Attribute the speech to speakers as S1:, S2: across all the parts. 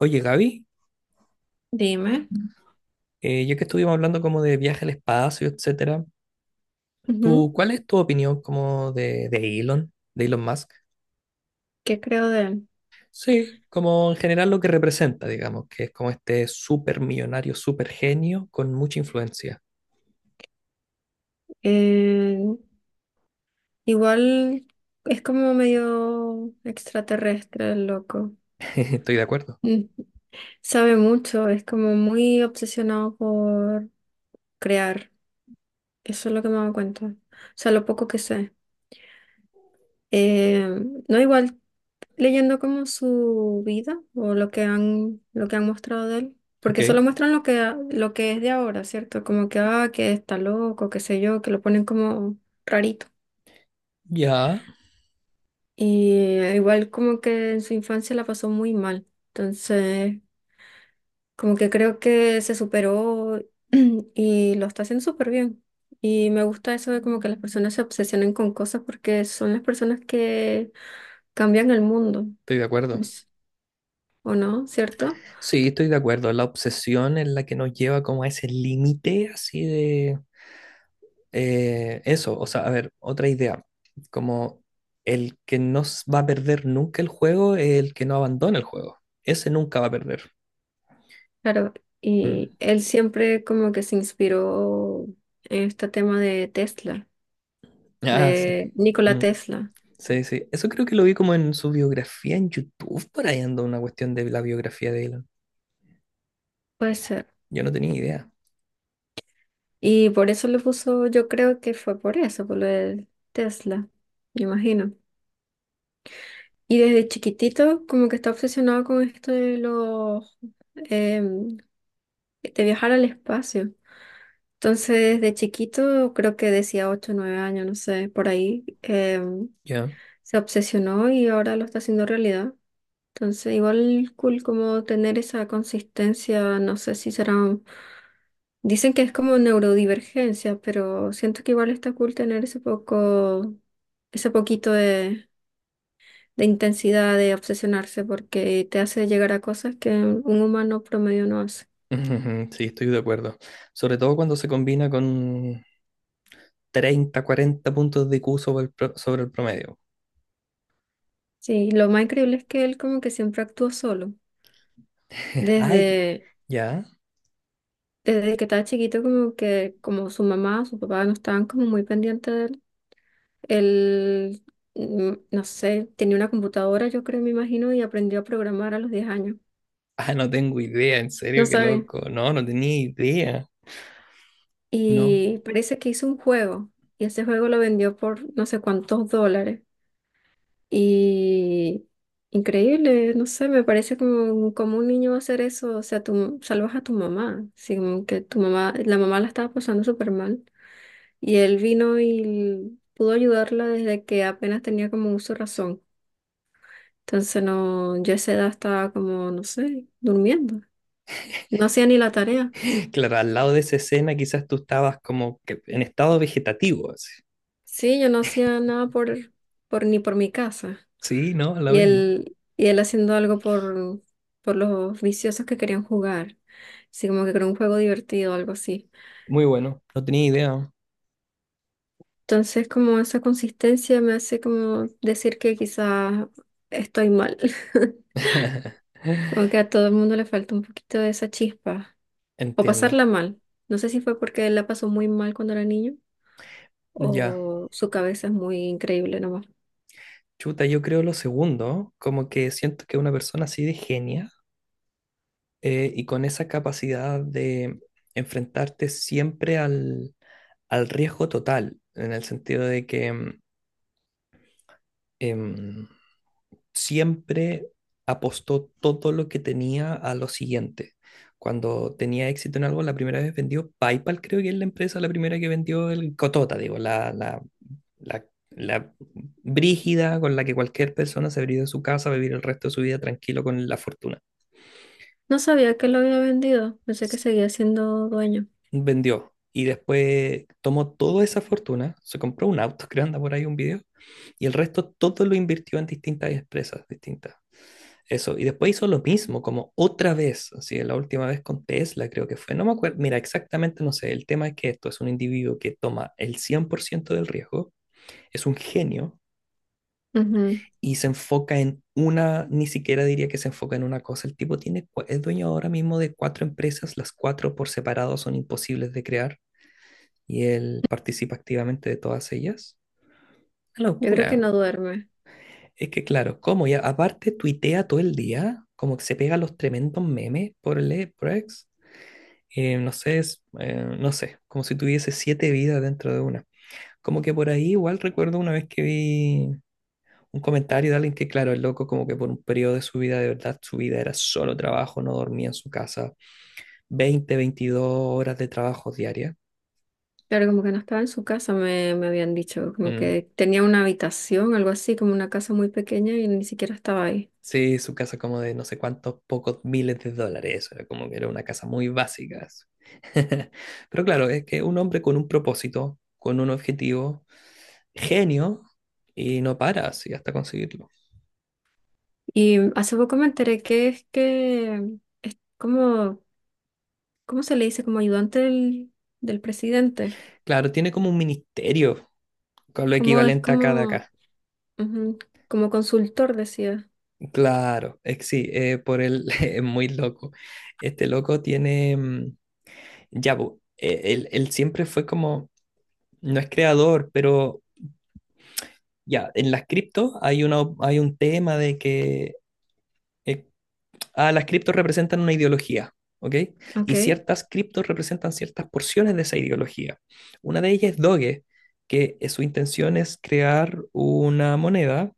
S1: Oye, Gaby,
S2: Dime.
S1: ya que estuvimos hablando como de viaje al espacio, etcétera,
S2: Ujú.
S1: ¿tú cuál es tu opinión como de, Elon, de Elon Musk?
S2: ¿Qué creo de él?
S1: Sí, como en general lo que representa, digamos, que es como este súper millonario, súper genio con mucha influencia.
S2: Eh, Igual es como medio extraterrestre el loco.
S1: Estoy de acuerdo.
S2: Mm. Sabe mucho, es como muy obsesionado por crear. Eso es lo que me he dado cuenta. O sea, lo poco que sé. Eh, no igual leyendo como su vida o lo que han mostrado de él.
S1: Ok,
S2: Porque solo muestran lo que es de ahora, ¿cierto? Como que, ah, que está loco, qué sé yo, que lo ponen como rarito.
S1: ya,
S2: Y igual como que en su infancia la pasó muy mal. Entonces, como que creo que se superó y lo está haciendo súper bien. Y me gusta eso de como que las personas se obsesionen con cosas porque son las personas que cambian el mundo,
S1: estoy de acuerdo.
S2: pues, ¿o no? ¿Cierto?
S1: Sí, estoy de acuerdo. La obsesión es la que nos lleva como a ese límite así de. Eso, o sea, a ver, otra idea, como el que no va a perder nunca el juego es el que no abandona el juego. Ese nunca va a perder.
S2: Claro.
S1: Mm.
S2: Y él siempre como que se inspiró en este tema de Tesla,
S1: Ah, sí.
S2: de Nikola
S1: Mm.
S2: Tesla.
S1: Sí, sí. Eso creo que lo vi como en su biografía en YouTube, por ahí anda una cuestión de la biografía de Elon.
S2: Puede ser.
S1: Yo no tenía idea.
S2: Y por eso lo puso, yo creo que fue por eso, por lo del Tesla, me imagino. Y desde chiquitito como que está obsesionado con esto de los em, de viajar al espacio. Entonces, desde chiquito, creo que decía 8 o 9 años, no sé, por ahí,
S1: Ya.
S2: se obsesionó y ahora lo está haciendo realidad. Entonces, igual cool como tener esa consistencia, no sé si será. Dicen que es como neurodivergencia, pero siento que igual está cool tener ese poco, ese poquito de intensidad, de obsesionarse, porque te hace llegar a cosas que un humano promedio no hace.
S1: Ujú, sí, estoy de acuerdo. Sobre todo cuando se combina con 30-40 puntos de IQ sobre el, sobre el promedio.
S2: Sí, lo más increíble es que él como que siempre actuó solo.
S1: Ay,
S2: Desde,
S1: ya.
S2: Desde que estaba chiquito, como que como su mamá, su papá no estaban como muy pendientes de él. Él, mm, no sé, tenía una computadora, yo creo, me imagino, y aprendió a programar a los 10 años.
S1: Ah, no tengo idea, en
S2: No
S1: serio, qué
S2: sabe.
S1: loco. No, no tenía idea. No.
S2: Y parece que hizo un juego y ese juego lo vendió por no sé cuántos dólares. Y increíble, no sé, me parece como, como un niño va a hacer eso. O sea, tú salvas a tu mamá, así como que tu mamá la estaba pasando súper mal. Y él vino y pudo ayudarla desde que apenas tenía como uso de razón. Entonces no, yo a esa edad estaba como, no sé, durmiendo. No hacía ni la tarea.
S1: Claro, al lado de esa escena quizás tú estabas como que en estado vegetativo, así.
S2: Sí, yo no hacía nada por ni por mi casa.
S1: Sí, no, lo mismo.
S2: Y él haciendo algo por los viciosos que querían jugar. Así como que era un juego divertido algo así.
S1: Muy bueno, no tenía idea.
S2: Entonces, como esa consistencia me hace como decir que quizás estoy mal. Como que a todo el mundo le falta un poquito de esa chispa. O
S1: Entiendo.
S2: pasarla mal. No sé si fue porque él la pasó muy mal cuando era niño
S1: Ya.
S2: o su cabeza es muy increíble nomás.
S1: Chuta, yo creo lo segundo, como que siento que una persona así de genia, y con esa capacidad de enfrentarte siempre al riesgo total, en el sentido de que em, siempre apostó todo lo que tenía a lo siguiente. Cuando tenía éxito en algo, la primera vez vendió PayPal, creo que es la empresa la primera que vendió el Cotota, digo, la, la brígida con la que cualquier persona se habría ido de su casa a vivir el resto de su vida tranquilo con la fortuna.
S2: No sabía que lo había vendido. Pensé que seguía siendo dueño.
S1: Vendió y después tomó toda esa fortuna, se compró un auto, creo anda por ahí un video, y el resto todo lo invirtió en distintas empresas distintas. Eso, y después hizo lo mismo, como otra vez, así, la última vez con Tesla creo que fue, no me acuerdo, mira, exactamente no sé, el tema es que esto es un individuo que toma el 100% del riesgo, es un genio
S2: Ujú.
S1: y se enfoca en una, ni siquiera diría que se enfoca en una cosa, el tipo tiene, es dueño ahora mismo de cuatro empresas, las cuatro por separado son imposibles de crear y él participa activamente de todas ellas. Una
S2: Yo creo
S1: locura.
S2: que no duerme.
S1: Es que claro, como ya aparte tuitea todo el día, como que se pega los tremendos memes por el por X. No sé, es, no sé, como si tuviese siete vidas dentro de una. Como que por ahí igual recuerdo una vez que vi un comentario de alguien que, claro, el loco como que por un periodo de su vida, de verdad, su vida era solo trabajo, no dormía en su casa, 20-22 horas de trabajo diaria.
S2: Claro, como que no estaba en su casa, me habían dicho, como
S1: Mm.
S2: que tenía una habitación, algo así, como una casa muy pequeña y ni siquiera estaba ahí.
S1: Sí, su casa como de no sé cuántos pocos miles de dólares, era como que era una casa muy básica. Eso. Pero claro, es que un hombre con un propósito, con un objetivo, genio, y no para así hasta conseguirlo.
S2: Y hace poco me enteré que es como, ¿cómo se le dice? Como ayudante del presidente.
S1: Claro, tiene como un ministerio con lo
S2: Como es
S1: equivalente a cada
S2: como,
S1: acá.
S2: ujú, como consultor, decía.
S1: Claro, sí, por él es muy loco. Este loco tiene, ya, po, él siempre fue como, no es creador, pero ya, en las criptos hay una, hay un tema de que, eh, las criptos representan una ideología, ¿ok?
S2: Ok,
S1: Y ciertas criptos representan ciertas porciones de esa ideología. Una de ellas es Doge, que su intención es crear una moneda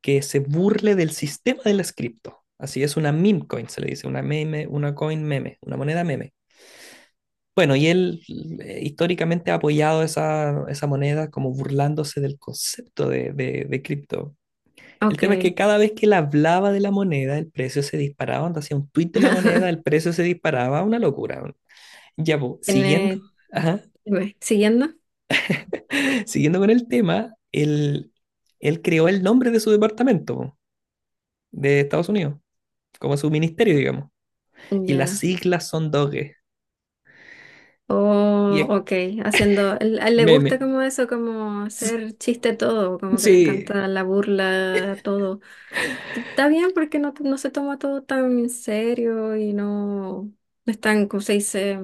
S1: que se burle del sistema de las cripto. Así es una meme coin, se le dice, una meme, una coin meme, una moneda meme. Bueno, y él históricamente ha apoyado esa moneda como burlándose del concepto de, de cripto. El
S2: ok.
S1: tema es que cada vez que él hablaba de la moneda, el precio se disparaba. Cuando hacía un tweet de la moneda, el precio se disparaba. Una locura. Ya, pues, siguiendo,
S2: ¿Tiene,
S1: ajá,
S2: dime, siguiendo?
S1: siguiendo con el tema, él creó el nombre de su departamento de Estados Unidos, como su ministerio, digamos. Y las
S2: Ya.
S1: siglas son Doge y
S2: Oh,
S1: es
S2: ok, haciendo, él a él le gusta
S1: meme.
S2: como eso, como hacer chiste todo, como que le
S1: Sí,
S2: encanta la burla, todo. Que está bien porque no, no se toma todo tan en serio y no, no es tan, como se dice,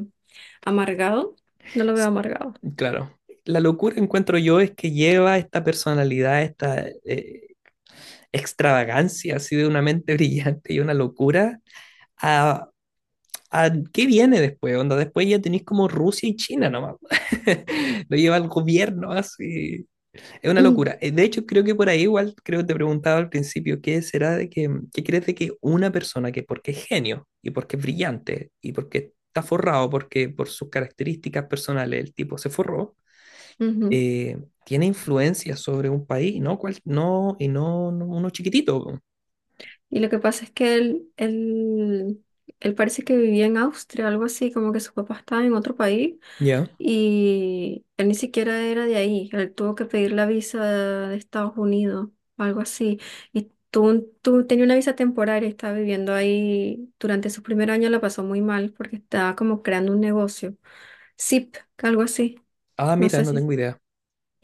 S2: amargado. No lo veo amargado.
S1: claro. La locura encuentro yo es que lleva esta personalidad, esta extravagancia así de una mente brillante y una locura a, a qué viene después, onda. Después ya tenéis como Rusia y China nomás. Lo lleva el gobierno así. Es una
S2: Mm.
S1: locura. De hecho, creo que por ahí igual, creo que te preguntaba al principio, ¿qué será de que, qué crees de que una persona que porque es genio y porque es brillante y porque está forrado, porque por sus características personales el tipo se forró,
S2: Ujú.
S1: eh, tiene influencia sobre un país, ¿no? No, y no uno chiquitito. Po.
S2: Y lo que pasa es que él parece que vivía en Austria, algo así, como que su papá estaba en otro país.
S1: Ya.
S2: Y él ni siquiera era de ahí, él tuvo que pedir la visa de Estados Unidos, algo así. Y tú tenía una visa temporaria, estaba viviendo ahí, durante su primer año la pasó muy mal porque estaba como creando un negocio, Zip, algo así,
S1: Ah,
S2: no
S1: mira,
S2: sé
S1: no
S2: si...
S1: tengo idea.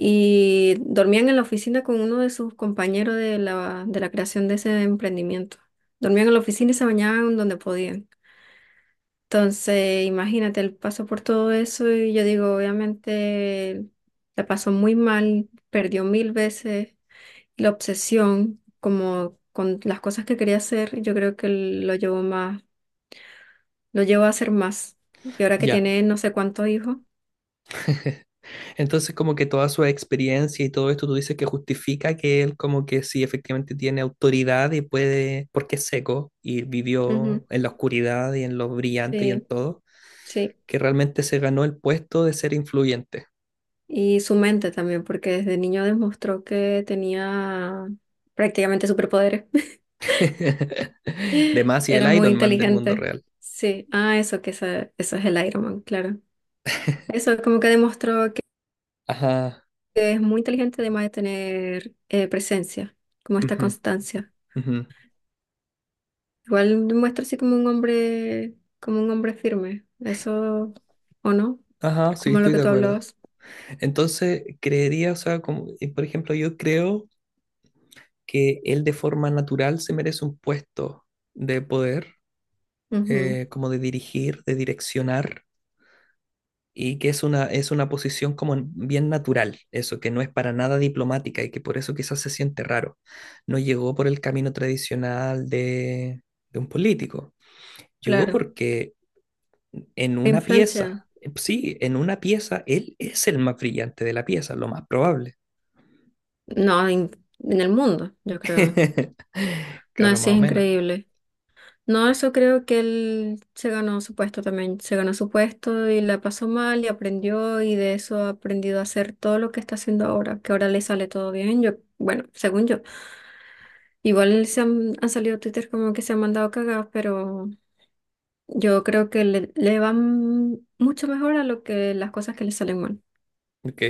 S2: Y dormían en la oficina con uno de sus compañeros de de la creación de ese emprendimiento. Dormían en la oficina y se bañaban donde podían. Entonces, imagínate, él pasó por todo eso y yo digo, obviamente, la pasó muy mal, perdió mil veces la obsesión como con las cosas que quería hacer, yo creo que lo llevó más, lo llevó a hacer más. Y ahora que
S1: Ya.
S2: tiene no sé cuántos hijos,
S1: Entonces, como que toda su experiencia y todo esto, tú dices que justifica que él como que sí efectivamente tiene autoridad y puede, porque es seco y
S2: ujú,
S1: vivió en la oscuridad y en lo brillante y
S2: sí,
S1: en todo,
S2: sí.
S1: que realmente se ganó el puesto de ser influyente.
S2: Y su mente también, porque desde niño demostró que tenía prácticamente superpoderes.
S1: De más y
S2: Era
S1: el
S2: muy
S1: Iron Man del mundo
S2: inteligente.
S1: real.
S2: Sí, ah, eso que esa- eso es el Iron Man, claro. Eso como que demostró que
S1: Ajá.
S2: es muy inteligente además de tener presencia, como esta
S1: Ujú,
S2: constancia.
S1: ujú.
S2: Igual demuestra así como un hombre firme. Eso, ¿o no?
S1: Ajá, sí,
S2: Como lo
S1: estoy
S2: que
S1: de
S2: tú
S1: acuerdo.
S2: hablabas.
S1: Entonces, creería, o sea, como, por ejemplo, yo creo que él de forma natural se merece un puesto de poder
S2: Ujú,
S1: eh, como de dirigir, de direccionar, y que es una, posición como bien natural, eso, que no es para nada diplomática y que por eso quizás se siente raro. No llegó por el camino tradicional de, un político, llegó
S2: claro.
S1: porque en una pieza,
S2: Influencia.
S1: sí, en una pieza, él es el más brillante de la pieza, lo más probable.
S2: No, en el mundo, yo creo. No,
S1: Claro,
S2: sí
S1: más
S2: es
S1: o menos.
S2: increíble. No, eso creo que él se ganó su puesto también, se ganó su puesto y la pasó mal y aprendió y de eso ha aprendido a hacer todo lo que está haciendo ahora, que ahora le sale todo bien, yo, bueno, según yo. Igual se han, han salido Twitter como que se han mandado cagadas, pero yo creo que le van mucho mejor a lo que las cosas que le salen mal.
S1: Ok,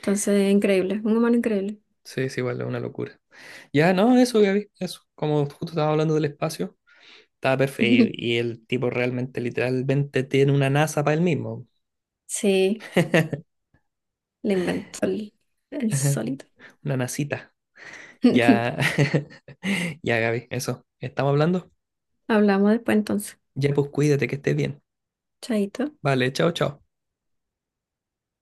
S2: Entonces, increíble, un humano increíble.
S1: sí, es igual, es una locura. Ya, no, eso, Gaby, eso. Como justo estaba hablando del espacio, estaba perfecto. Y el tipo realmente, literalmente, tiene una NASA para él mismo.
S2: Sí, le inventó el solito.
S1: Una nasita. Ya, ya, Gaby, eso. ¿Estamos hablando?
S2: Hablamos después entonces.
S1: Ya, pues cuídate, que estés bien.
S2: Chaito.
S1: Vale, chao, chao.